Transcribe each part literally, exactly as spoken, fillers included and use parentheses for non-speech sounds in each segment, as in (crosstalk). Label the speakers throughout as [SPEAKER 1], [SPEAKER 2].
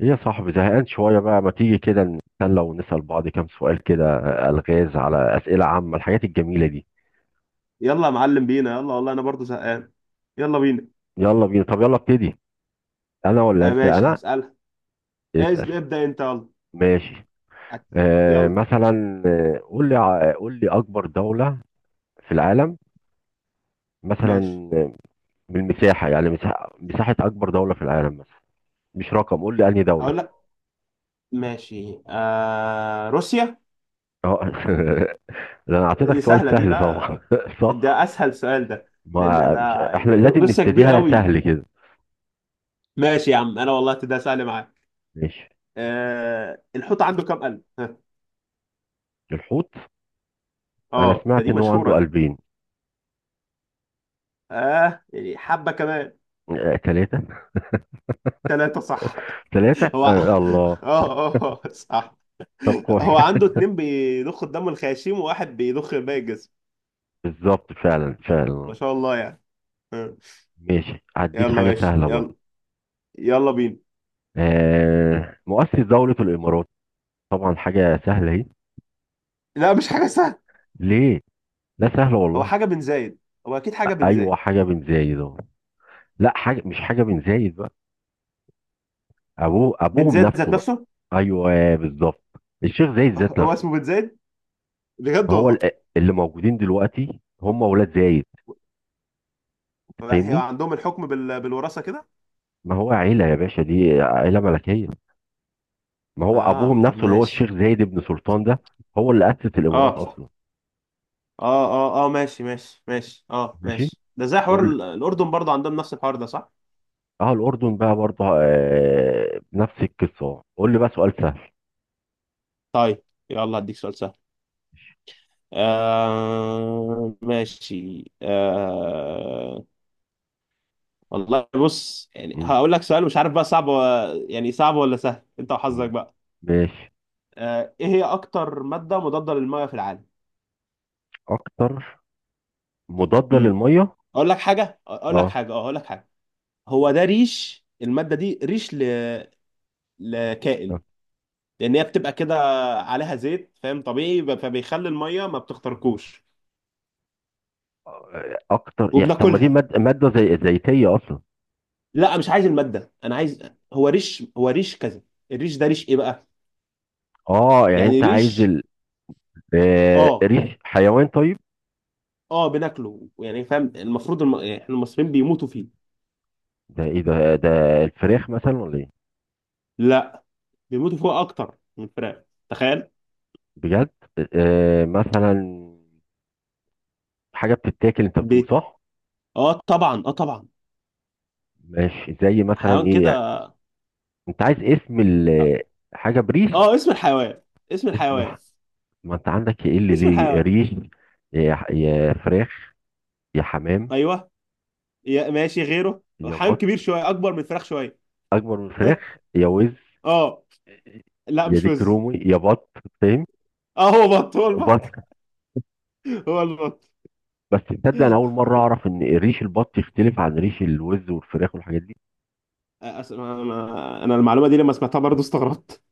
[SPEAKER 1] ايه يا صاحبي، زهقان شوية بقى. ما تيجي كده نتسلى ونسأل بعض كام سؤال كده؟ ألغاز، على أسئلة عامة، الحاجات الجميلة دي.
[SPEAKER 2] يلا يا معلم بينا يلا، والله انا برضو زهقان. يلا بينا.
[SPEAKER 1] يلا بينا. طب يلا ابتدي. أنا ولا
[SPEAKER 2] آه
[SPEAKER 1] أنت؟
[SPEAKER 2] ماشي،
[SPEAKER 1] أنا.
[SPEAKER 2] هسألها. إز-
[SPEAKER 1] اسأل.
[SPEAKER 2] ابدأ انت يلا.
[SPEAKER 1] ماشي.
[SPEAKER 2] أت-
[SPEAKER 1] آه
[SPEAKER 2] يلا
[SPEAKER 1] مثلا آه، قول لي ع- قول لي أكبر دولة في العالم
[SPEAKER 2] ماشي.
[SPEAKER 1] مثلا. آه، بالمساحة يعني، مساحة، مساحة أكبر دولة في العالم مثلا. مش رقم، قول لي أنهي دولة.
[SPEAKER 2] اقول لك ماشي، آه روسيا.
[SPEAKER 1] اه (laughs) ده أنا
[SPEAKER 2] دي
[SPEAKER 1] أعطيتك سؤال
[SPEAKER 2] سهلة دي،
[SPEAKER 1] سهل طبعا
[SPEAKER 2] لا،
[SPEAKER 1] (laughs) صح.
[SPEAKER 2] ده اسهل سؤال ده، لان
[SPEAKER 1] ما
[SPEAKER 2] ده
[SPEAKER 1] مش احنا
[SPEAKER 2] يعني رو-
[SPEAKER 1] لازم
[SPEAKER 2] روسيا كبير
[SPEAKER 1] نبتديها
[SPEAKER 2] قوي.
[SPEAKER 1] سهل كده؟
[SPEAKER 2] ماشي يا عم، انا والله ده سهل معاك.
[SPEAKER 1] ماشي.
[SPEAKER 2] آه الحوت عنده كام قلب، ها؟
[SPEAKER 1] الحوت. انا
[SPEAKER 2] اه، ده
[SPEAKER 1] سمعت
[SPEAKER 2] دي
[SPEAKER 1] ان هو عنده
[SPEAKER 2] مشهورة دي.
[SPEAKER 1] قلبين.
[SPEAKER 2] اه يعني حبة كمان.
[SPEAKER 1] آه، ثلاثة.
[SPEAKER 2] ثلاثة، صح.
[SPEAKER 1] ثلاثة.
[SPEAKER 2] هو
[SPEAKER 1] آه الله.
[SPEAKER 2] (laughs) اه، اه، صح.
[SPEAKER 1] طب كويس.
[SPEAKER 2] هو عنده اتنين بيضخوا الدم الخياشيم، وواحد بيضخ باقي الجسم.
[SPEAKER 1] (laughs) بالظبط، فعلا فعلا.
[SPEAKER 2] ما شاء الله يعني. آه.
[SPEAKER 1] ماشي،
[SPEAKER 2] يلا
[SPEAKER 1] هديك حاجة
[SPEAKER 2] ماشي،
[SPEAKER 1] سهلة برضه.
[SPEAKER 2] يلا، يلا بينا.
[SPEAKER 1] آه، مؤسس دولة الامارات. طبعا حاجة سهلة اهي.
[SPEAKER 2] لا، مش حاجة سهلة.
[SPEAKER 1] ليه؟ لا سهلة
[SPEAKER 2] هو
[SPEAKER 1] والله.
[SPEAKER 2] حاجة بن زايد. هو أكيد حاجة بن
[SPEAKER 1] ايوه
[SPEAKER 2] زايد.
[SPEAKER 1] حاجة بن زايد اهو. لا حاجة، مش حاجة بن زايد بقى، ابوه،
[SPEAKER 2] بن
[SPEAKER 1] ابوهم
[SPEAKER 2] زايد
[SPEAKER 1] نفسه
[SPEAKER 2] ذات
[SPEAKER 1] بقى.
[SPEAKER 2] نفسه.
[SPEAKER 1] ايوه بالظبط، الشيخ زايد ذات
[SPEAKER 2] هو
[SPEAKER 1] نفسه.
[SPEAKER 2] اسمه بن زايد، بجد
[SPEAKER 1] ما هو
[SPEAKER 2] والله.
[SPEAKER 1] ال- اللي موجودين دلوقتي هم اولاد زايد،
[SPEAKER 2] هي
[SPEAKER 1] فاهمني؟
[SPEAKER 2] عندهم الحكم بال... بالوراثة كده.
[SPEAKER 1] ما هو عيلة يا باشا، دي عيلة ملكية. ما هو
[SPEAKER 2] اه،
[SPEAKER 1] ابوهم
[SPEAKER 2] طب
[SPEAKER 1] نفسه اللي هو
[SPEAKER 2] ماشي.
[SPEAKER 1] الشيخ زايد بن سلطان ده، هو اللي اسس الامارات
[SPEAKER 2] اه،
[SPEAKER 1] اصلا.
[SPEAKER 2] اه، اه، اه، ماشي، ماشي، ماشي، اه
[SPEAKER 1] ماشي.
[SPEAKER 2] ماشي. ده زي حوار
[SPEAKER 1] قول لي.
[SPEAKER 2] ال- الأردن، برضه عندهم نفس الحوار ده، صح؟
[SPEAKER 1] اه الاردن بقى برضه آه نفس القصه أهو. قول لي بقى سؤال سهل.
[SPEAKER 2] طيب. يلا هديك سؤال سهل. آه ماشي، آه والله بص، يعني
[SPEAKER 1] م-
[SPEAKER 2] هقول لك سؤال، مش عارف بقى صعب و... يعني صعب ولا سهل، انت
[SPEAKER 1] م-
[SPEAKER 2] وحظك بقى.
[SPEAKER 1] ماشي.
[SPEAKER 2] آه ايه هي اكتر مادة مضادة للمية في العالم؟
[SPEAKER 1] اكتر مضاده
[SPEAKER 2] امم
[SPEAKER 1] للميه؟
[SPEAKER 2] اقول لك حاجة اقول لك
[SPEAKER 1] اه.
[SPEAKER 2] حاجة اه اقول لك حاجة هو ده ريش. المادة دي ريش ل...
[SPEAKER 1] آه.
[SPEAKER 2] لكائن، لان هي بتبقى كده عليها زيت، فاهم؟ طبيعي، ب- فبيخلي المية ما بتخترقوش
[SPEAKER 1] اكتر يعني؟ طب ما دي
[SPEAKER 2] وبناكلها.
[SPEAKER 1] ماده، ماده زي زيتيه اصلا.
[SPEAKER 2] لا، مش عايز المادة، انا عايز... هو ريش هو ريش كذا. الريش ده ريش ايه بقى؟
[SPEAKER 1] اه يعني
[SPEAKER 2] يعني
[SPEAKER 1] انت عايز
[SPEAKER 2] ريش.
[SPEAKER 1] ال... آه...
[SPEAKER 2] اه
[SPEAKER 1] ريش حيوان طيب.
[SPEAKER 2] اه بناكله، يعني فاهم؟ المفروض الم... يعني احنا المصريين بيموتوا فيه.
[SPEAKER 1] ده ايه ده؟ ده الفراخ مثلا ولا ايه؟
[SPEAKER 2] لا، بيموتوا فيه اكتر من الفراخ، تخيل.
[SPEAKER 1] بجد؟ آه... مثلا حاجه بتتاكل انت بتقول،
[SPEAKER 2] بيت.
[SPEAKER 1] صح؟
[SPEAKER 2] اه طبعا اه طبعا
[SPEAKER 1] ماشي، زي مثلا
[SPEAKER 2] حيوان
[SPEAKER 1] ايه
[SPEAKER 2] كده.
[SPEAKER 1] يعني؟ انت عايز اسم
[SPEAKER 2] اه.
[SPEAKER 1] ال- حاجه بريش.
[SPEAKER 2] آه، اسم الحيوان، اسم
[SPEAKER 1] اسم
[SPEAKER 2] الحيوان
[SPEAKER 1] الح- ما انت عندك ايه اللي
[SPEAKER 2] اسم
[SPEAKER 1] ليه
[SPEAKER 2] الحيوان
[SPEAKER 1] ريش؟ يا ح- يا فراخ، يا حمام،
[SPEAKER 2] ايوه. يا ماشي غيره.
[SPEAKER 1] يا
[SPEAKER 2] حيوان
[SPEAKER 1] بط.
[SPEAKER 2] كبير شويه، اكبر من الفراخ شويه.
[SPEAKER 1] اكبر من فراخ، يا وز،
[SPEAKER 2] اه. لا
[SPEAKER 1] يا
[SPEAKER 2] مش
[SPEAKER 1] ديك
[SPEAKER 2] وز.
[SPEAKER 1] رومي، يا بط، فاهم.
[SPEAKER 2] اه، هو بط هو البط
[SPEAKER 1] بط.
[SPEAKER 2] (laughs) هو البط.
[SPEAKER 1] بس تصدق انا اول مره اعرف ان ريش البط يختلف عن ريش الوز والفراخ والحاجات دي.
[SPEAKER 2] آه، أس- انا أنا المعلومه دي لما سمعتها برضه استغربت،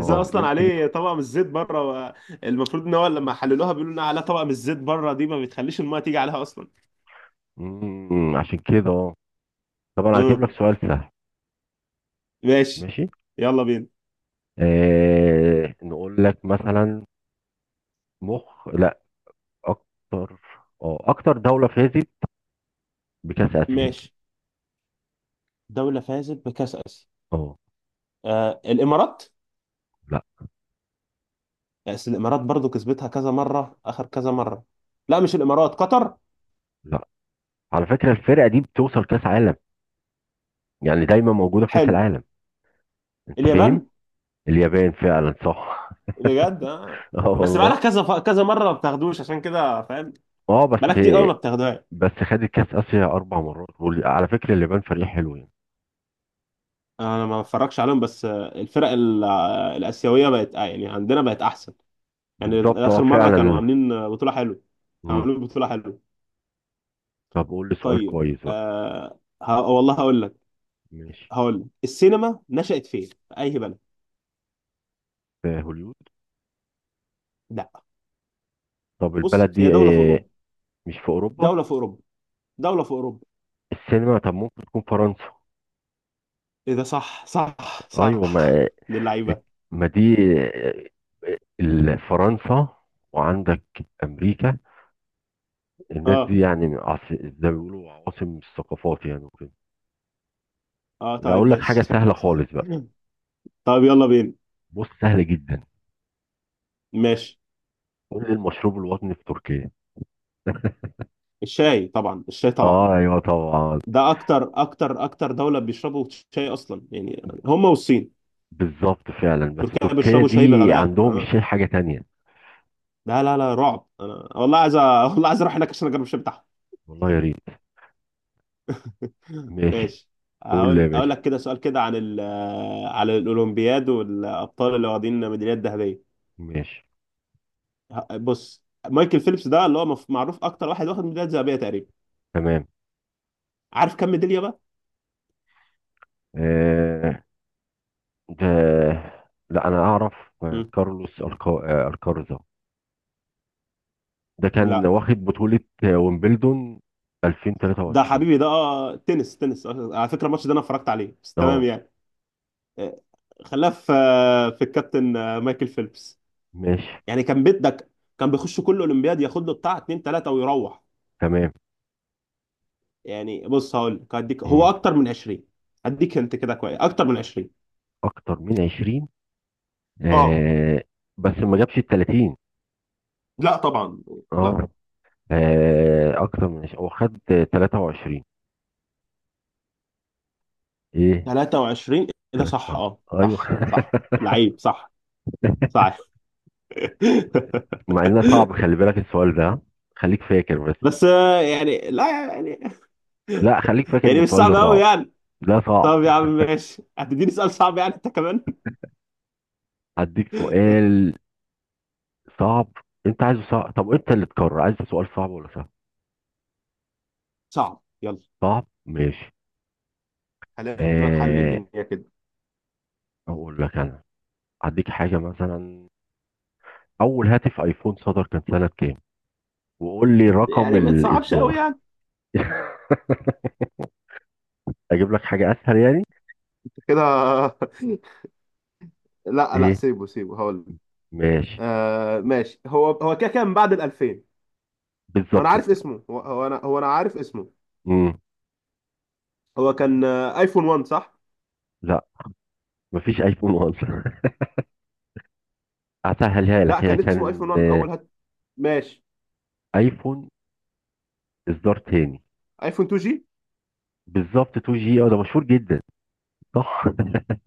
[SPEAKER 2] ازاي اصلا
[SPEAKER 1] يمكن يكون.
[SPEAKER 2] عليه طبقه من الزيت بره؟ المفروض ان هو لما حللوها بيقولوا انها عليها طبقه من الزيت بره، دي ما بتخليش المايه تيجي عليها اصلا.
[SPEAKER 1] مم، عشان كده، اه. طب انا هجيب
[SPEAKER 2] امم
[SPEAKER 1] لك سؤال سهل.
[SPEAKER 2] ماشي.
[SPEAKER 1] ماشي.
[SPEAKER 2] يلا بينا.
[SPEAKER 1] آه، نقول لك مثلا، مخ، اكتر، اه اكتر دولة فازت بكأس آسيا.
[SPEAKER 2] ماشي، دولة فازت بكأس آسيا.
[SPEAKER 1] اه.
[SPEAKER 2] آه الإمارات.
[SPEAKER 1] لا.
[SPEAKER 2] بس الإمارات برضو كسبتها كذا مرة، آخر كذا مرة. لا، مش الإمارات، قطر.
[SPEAKER 1] لا، على فكرة الفرقة دي بتوصل كأس عالم، يعني دايما موجودة في كأس
[SPEAKER 2] حلو.
[SPEAKER 1] العالم، انت فاهم.
[SPEAKER 2] اليابان.
[SPEAKER 1] اليابان، فعلا صح.
[SPEAKER 2] بجد. آه.
[SPEAKER 1] (laughs) اه
[SPEAKER 2] بس
[SPEAKER 1] والله.
[SPEAKER 2] بقالك كذا ف... كذا مرة ما بتاخدوش، عشان كده فاهم.
[SPEAKER 1] اه بس.
[SPEAKER 2] بقالك كتير قوي، ما بتاخدوهاش.
[SPEAKER 1] بس خدت كأس آسيا اربع مرات، وعلى فكرة اليابان فريق حلو يعني.
[SPEAKER 2] انا ما بتفرجش عليهم بس، آه، الفرق ال- آه، الاسيويه بقت، آه، يعني عندنا بقت احسن. يعني
[SPEAKER 1] بالظبط، اه
[SPEAKER 2] اخر مره كانوا
[SPEAKER 1] فعلا.
[SPEAKER 2] عاملين بطوله حلوه، كانوا
[SPEAKER 1] مم.
[SPEAKER 2] عاملين بطوله حلوه.
[SPEAKER 1] طب قول لي سؤال
[SPEAKER 2] طيب.
[SPEAKER 1] كويس بقى.
[SPEAKER 2] آه ه... والله هقول لك
[SPEAKER 1] ماشي.
[SPEAKER 2] هقول لك السينما نشأت فين، في اي بلد؟
[SPEAKER 1] في هوليود.
[SPEAKER 2] لا.
[SPEAKER 1] طب
[SPEAKER 2] بص،
[SPEAKER 1] البلد
[SPEAKER 2] هي
[SPEAKER 1] دي
[SPEAKER 2] دوله في
[SPEAKER 1] آه،
[SPEAKER 2] اوروبا،
[SPEAKER 1] مش في اوروبا؟
[SPEAKER 2] دوله في اوروبا دوله في اوروبا
[SPEAKER 1] السينما. طب ممكن تكون فرنسا.
[SPEAKER 2] ايه ده، صح، صح، صح.
[SPEAKER 1] ايوه ما،
[SPEAKER 2] من اللعيبه.
[SPEAKER 1] ما دي آه، ال- فرنسا، وعندك امريكا، الناس دي
[SPEAKER 2] اه،
[SPEAKER 1] يعني من عاص- زي ما بيقولوا عواصم الثقافات يعني وكده.
[SPEAKER 2] اه، طيب
[SPEAKER 1] اقول لك حاجه
[SPEAKER 2] ماشي.
[SPEAKER 1] سهله
[SPEAKER 2] (laughs)
[SPEAKER 1] خالص بقى.
[SPEAKER 2] طيب يلا بينا.
[SPEAKER 1] بص، سهله جدا.
[SPEAKER 2] ماشي.
[SPEAKER 1] قول لي المشروب الوطني في تركيا.
[SPEAKER 2] الشاي طبعا، الشاي طبعا.
[SPEAKER 1] اه ايوه طبعا.
[SPEAKER 2] ده اكتر اكتر اكتر دوله بيشربوا شاي اصلا، يعني هم والصين.
[SPEAKER 1] بالظبط، فعلا. بس
[SPEAKER 2] تركيا
[SPEAKER 1] تركيا
[SPEAKER 2] بيشربوا شاي
[SPEAKER 1] دي
[SPEAKER 2] بغباء،
[SPEAKER 1] عندهم
[SPEAKER 2] اه.
[SPEAKER 1] الشاي حاجه تانية.
[SPEAKER 2] لا، لا، لا، رعب. انا والله عايز أ- (laughs) والله عايز اروح هناك عشان اجرب الشاي بتاعهم.
[SPEAKER 1] والله يا ريت. ماشي.
[SPEAKER 2] ماشي.
[SPEAKER 1] قول لي يا
[SPEAKER 2] هقول اقول
[SPEAKER 1] باشا.
[SPEAKER 2] لك كده سؤال، كده عن ال على الاولمبياد والابطال اللي واخدين ميداليات ذهبيه.
[SPEAKER 1] ماشي.
[SPEAKER 2] ه- بص، مايكل فيليبس ده اللي هو مف- معروف اكتر واحد واخد ميداليات ذهبيه تقريبا.
[SPEAKER 1] تمام.
[SPEAKER 2] عارف كم ميداليه بقى؟
[SPEAKER 1] آه. ده لا انا اعرف. آه،
[SPEAKER 2] مم.
[SPEAKER 1] كارلوس الكا... آه، الكارزا، ده كان
[SPEAKER 2] لا،
[SPEAKER 1] واخد بطولة آه، ويمبلدون
[SPEAKER 2] ده
[SPEAKER 1] ألفين وتلاتة وعشرين.
[SPEAKER 2] حبيبي ده، آه، تنس تنس آه، على فكره الماتش ده انا اتفرجت عليه، بس تمام
[SPEAKER 1] اه
[SPEAKER 2] يعني. آه، خلاه في آه، في الكابتن، آه، مايكل فيليبس.
[SPEAKER 1] ماشي
[SPEAKER 2] يعني كان بيدك. كان بيخش كل اولمبياد، ياخد له بتاع اتنين تلاته ويروح.
[SPEAKER 1] تمام.
[SPEAKER 2] يعني بص، هقول لك، هديك،
[SPEAKER 1] مم.
[SPEAKER 2] هو اكتر من عشرين. هديك انت كده كويس، اكتر من عشرين.
[SPEAKER 1] اكتر من عشرين.
[SPEAKER 2] اه،
[SPEAKER 1] آه بس ما جابش ال ثلاثين.
[SPEAKER 2] لا طبعا. لا.
[SPEAKER 1] اه آه، اكتر من عشرين، هو خد آه، تلاتة وعشرين. ايه؟
[SPEAKER 2] ثلاثة وعشرين. إيه ده،
[SPEAKER 1] تلات،
[SPEAKER 2] صح،
[SPEAKER 1] اه.
[SPEAKER 2] اه
[SPEAKER 1] ايوه
[SPEAKER 2] صح، صح،
[SPEAKER 1] (laughs)
[SPEAKER 2] لعيب، صح. صح.
[SPEAKER 1] مع انه صعب،
[SPEAKER 2] (laughs)
[SPEAKER 1] خلي بالك السؤال ده، خليك فاكر بس.
[SPEAKER 2] بس آه، يعني لا. يعني.
[SPEAKER 1] لا خليك فاكر ان
[SPEAKER 2] يعني مش
[SPEAKER 1] السؤال
[SPEAKER 2] صعب
[SPEAKER 1] ده
[SPEAKER 2] قوي
[SPEAKER 1] صعب،
[SPEAKER 2] يعني.
[SPEAKER 1] ده صعب.
[SPEAKER 2] طب يا عم ماشي، هتديني سؤال صعب يعني انت كمان.
[SPEAKER 1] هديك
[SPEAKER 2] (laughs)
[SPEAKER 1] سؤال صعب. انت عايزه صعب؟ طب انت اللي تقرر، عايز سؤال صعب ولا سهل؟
[SPEAKER 2] صعب، يلا.
[SPEAKER 1] صعب، ماشي.
[SPEAKER 2] خلينا نحل
[SPEAKER 1] آه،
[SPEAKER 2] الدنيا كده.
[SPEAKER 1] اقول لك انا، هديك حاجه مثلا، اول هاتف ايفون صدر كان سنه كام؟ وقول لي رقم
[SPEAKER 2] يعني ما تصعبش قوي
[SPEAKER 1] الاصدار.
[SPEAKER 2] يعني.
[SPEAKER 1] (laughs) اجيب لك حاجه اسهل يعني؟
[SPEAKER 2] كده. (laughs) لا، لا،
[SPEAKER 1] ايه؟
[SPEAKER 2] سيبه سيبه هقول لك.
[SPEAKER 1] ماشي.
[SPEAKER 2] آه ماشي، هو هو كده كان بعد ال الفين. انا
[SPEAKER 1] بالظبط.
[SPEAKER 2] عارف اسمه، هو هو انا هو انا عارف اسمه.
[SPEAKER 1] امم.
[SPEAKER 2] هو كان، آه، ايفون واحد، صح؟
[SPEAKER 1] لا، مفيش ايفون اصلا. (laughs) هسهلها
[SPEAKER 2] لا،
[SPEAKER 1] لك. هي
[SPEAKER 2] كان اسمه ايفون
[SPEAKER 1] كان
[SPEAKER 2] واحد
[SPEAKER 1] آه،
[SPEAKER 2] اول هات ماشي.
[SPEAKER 1] ايفون اصدار تاني.
[SPEAKER 2] ايفون تو جي.
[SPEAKER 1] بالظبط، اتنين جي، اه ده مشهور جدا، صح.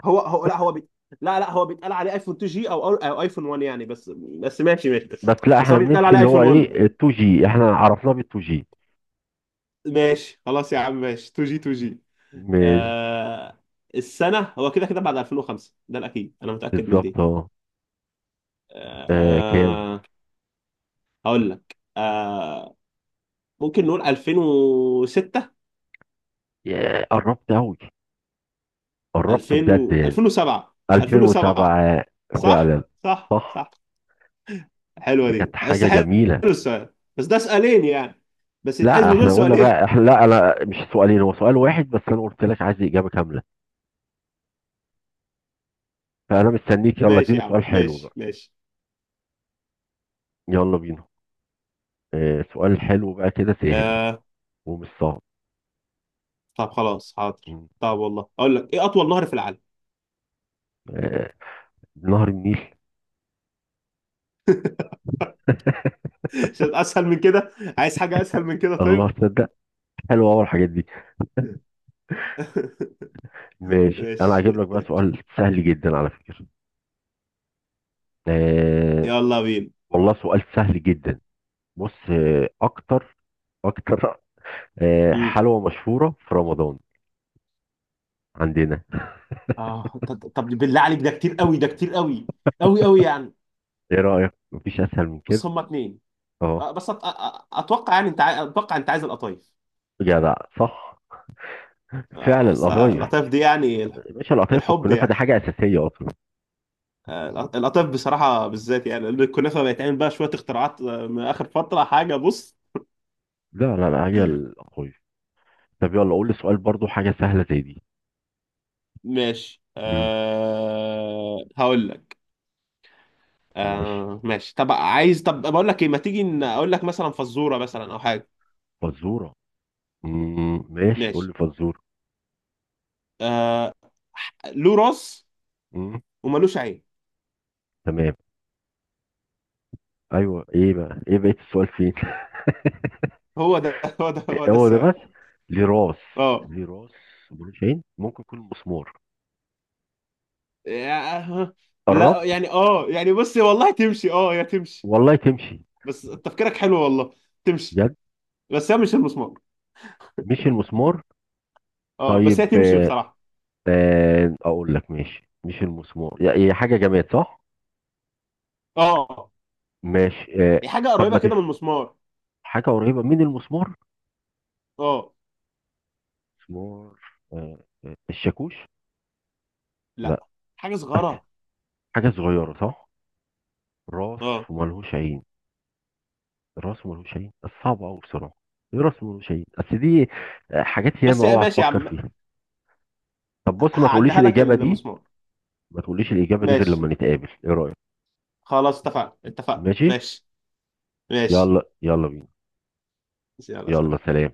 [SPEAKER 2] هو هو لا، هو بي... لا، لا، هو بيتقال عليه ايفون تو جي او أو ايفون واحد يعني، بس بس ماشي ماشي،
[SPEAKER 1] (laughs)
[SPEAKER 2] بس.
[SPEAKER 1] بس لا
[SPEAKER 2] بس
[SPEAKER 1] احنا
[SPEAKER 2] هو بيتقال
[SPEAKER 1] بنمشي
[SPEAKER 2] عليه
[SPEAKER 1] اللي هو
[SPEAKER 2] ايفون واحد.
[SPEAKER 1] ايه اتنين جي، احنا عرفناه بال اتنين جي.
[SPEAKER 2] ماشي خلاص يا عم، ماشي. تو جي، تو جي.
[SPEAKER 1] ماشي.
[SPEAKER 2] آه... السنة هو كده كده بعد الفين وخمسه، ده الأكيد، أنا متأكد من دي.
[SPEAKER 1] بالظبط، اه. آه، كام؟
[SPEAKER 2] آه... هقول لك آه... ممكن نقول الفين وستة.
[SPEAKER 1] ياه، قربت قوي، قربت
[SPEAKER 2] الفين
[SPEAKER 1] بجد
[SPEAKER 2] و...
[SPEAKER 1] يعني.
[SPEAKER 2] الفين وسبعة. الفين وسبعة.
[SPEAKER 1] ألفين وسبعة.
[SPEAKER 2] صح،
[SPEAKER 1] فعلا
[SPEAKER 2] صح،
[SPEAKER 1] صح.
[SPEAKER 2] صح. حلوه
[SPEAKER 1] دي كانت
[SPEAKER 2] دي، بس
[SPEAKER 1] حاجة
[SPEAKER 2] حلو.
[SPEAKER 1] جميلة.
[SPEAKER 2] السؤال بس ده سؤالين يعني، بس
[SPEAKER 1] لا
[SPEAKER 2] يتحسبوا دول
[SPEAKER 1] احنا قلنا
[SPEAKER 2] سؤالين. (laughs)
[SPEAKER 1] بقى، احنا لا انا مش سؤالين، هو سؤال واحد، بس انا قلت لك عايز إجابة كاملة. فانا مستنيك، يلا
[SPEAKER 2] ماشي
[SPEAKER 1] اديني
[SPEAKER 2] يا عم،
[SPEAKER 1] سؤال حلو
[SPEAKER 2] ماشي،
[SPEAKER 1] بقى.
[SPEAKER 2] ماشي.
[SPEAKER 1] يلا بينا. اه سؤال حلو بقى كده، سهل
[SPEAKER 2] آه
[SPEAKER 1] ومش صعب.
[SPEAKER 2] طب خلاص، حاضر.
[SPEAKER 1] م.
[SPEAKER 2] طب والله اقول لك، ايه اطول نهر في العالم؟
[SPEAKER 1] اه، نهر النيل.
[SPEAKER 2] (laughs) عشان اسهل من كده. عايز حاجه اسهل من كده،
[SPEAKER 1] الله
[SPEAKER 2] طيب.
[SPEAKER 1] تصدق، حلوة اول الحاجات دي.
[SPEAKER 2] (laughs)
[SPEAKER 1] ماشي انا هجيب
[SPEAKER 2] ماشي.
[SPEAKER 1] لك بقى سؤال سهل جدا على فكرة. اه
[SPEAKER 2] يلا بينا.
[SPEAKER 1] والله سؤال سهل جدا. بص، اه اكتر، اكتر اه
[SPEAKER 2] مم.
[SPEAKER 1] حلوة مشهورة في رمضان عندنا.
[SPEAKER 2] اه، ط- ط- طب بالله عليك، ده كتير قوي، ده كتير قوي، قوي، قوي يعني.
[SPEAKER 1] ايه رأيك، مفيش اسهل من كده.
[SPEAKER 2] بس هما اتنين.
[SPEAKER 1] اهو.
[SPEAKER 2] آه، بس أت... أ- أ- اتوقع، يعني انت عاي- اتوقع انت عايز القطايف.
[SPEAKER 1] جدع، صح، فعلا
[SPEAKER 2] آه، أصل
[SPEAKER 1] القطايف.
[SPEAKER 2] القطايف دي يعني.
[SPEAKER 1] يا باشا القطايف
[SPEAKER 2] الحب
[SPEAKER 1] والكنافة
[SPEAKER 2] يعني.
[SPEAKER 1] دي حاجة أساسية أصلا.
[SPEAKER 2] آه، القطايف بصراحة بالذات، يعني الكنافة بيتعمل بقى شوية اختراعات، آه، من آخر فترة. حاجة بص،
[SPEAKER 1] لا لا لا، هي القطايف. طب يلا قول لي سؤال برضو حاجة سهلة زي دي.
[SPEAKER 2] ماشي.
[SPEAKER 1] امم
[SPEAKER 2] أه هقول لك.
[SPEAKER 1] ماشي،
[SPEAKER 2] أه ماشي. طب عايز، طب بقول لك ايه، ما تيجي ن- اقول لك مثلا فزورة، مثلا او حاجة.
[SPEAKER 1] فزورة. امم ماشي، قول
[SPEAKER 2] ماشي.
[SPEAKER 1] لي فزورة.
[SPEAKER 2] أه له راس
[SPEAKER 1] امم.
[SPEAKER 2] وملوش عين.
[SPEAKER 1] تمام. أيوه إيه بقى، إيه بقية السؤال فين؟
[SPEAKER 2] هو ده (laughs) هو ده هو
[SPEAKER 1] (laughs)
[SPEAKER 2] ده
[SPEAKER 1] هو ده
[SPEAKER 2] السؤال.
[SPEAKER 1] بس؟ ليه راس؟
[SPEAKER 2] اه،
[SPEAKER 1] ليه راس ملوش عين، ممكن يكون مسمار.
[SPEAKER 2] يا- لا
[SPEAKER 1] قربت.
[SPEAKER 2] يعني، اه يعني بص والله تمشي، اه، يا تمشي.
[SPEAKER 1] والله تمشي.
[SPEAKER 2] بس تفكيرك حلو والله، تمشي.
[SPEAKER 1] بجد؟
[SPEAKER 2] بس هي مش المسمار.
[SPEAKER 1] مش المسمار.
[SPEAKER 2] اه بس
[SPEAKER 1] طيب.
[SPEAKER 2] هي تمشي بصراحة.
[SPEAKER 1] آه، اقول لك، ماشي مش المسمار، هي حاجه جماد صح.
[SPEAKER 2] اه،
[SPEAKER 1] ماشي. آه،
[SPEAKER 2] هي حاجه
[SPEAKER 1] طب
[SPEAKER 2] قريبه
[SPEAKER 1] ما تف
[SPEAKER 2] كده من المسمار.
[SPEAKER 1] حاجه قريبه من المسمار.
[SPEAKER 2] اه
[SPEAKER 1] مسمار. آه، آه، الشاكوش.
[SPEAKER 2] لا،
[SPEAKER 1] لا.
[SPEAKER 2] حاجه
[SPEAKER 1] (laughs) أس...
[SPEAKER 2] صغيره.
[SPEAKER 1] حاجه صغيره، صح. راس
[SPEAKER 2] اه
[SPEAKER 1] وملهوش عين. راس وملهوش عين، بس صعبه قوي بصراحه. إيه راس وملهوش عين بس دي؟ آه، حاجات
[SPEAKER 2] بس
[SPEAKER 1] ياما، اوعى
[SPEAKER 2] ماشي يا
[SPEAKER 1] تفكر
[SPEAKER 2] عم.
[SPEAKER 1] فيها. طب بص، ما تقوليش
[SPEAKER 2] هعديها لك،
[SPEAKER 1] الاجابه دي،
[SPEAKER 2] المسمار.
[SPEAKER 1] ما تقوليش الاجابه دي غير
[SPEAKER 2] ماشي
[SPEAKER 1] لما نتقابل، ايه رايك؟
[SPEAKER 2] خلاص، اتفقنا، اتفقنا،
[SPEAKER 1] ماشي.
[SPEAKER 2] ماشي، ماشي.
[SPEAKER 1] يلا، يلا بينا.
[SPEAKER 2] يلا
[SPEAKER 1] يلا
[SPEAKER 2] سلام.
[SPEAKER 1] سلام.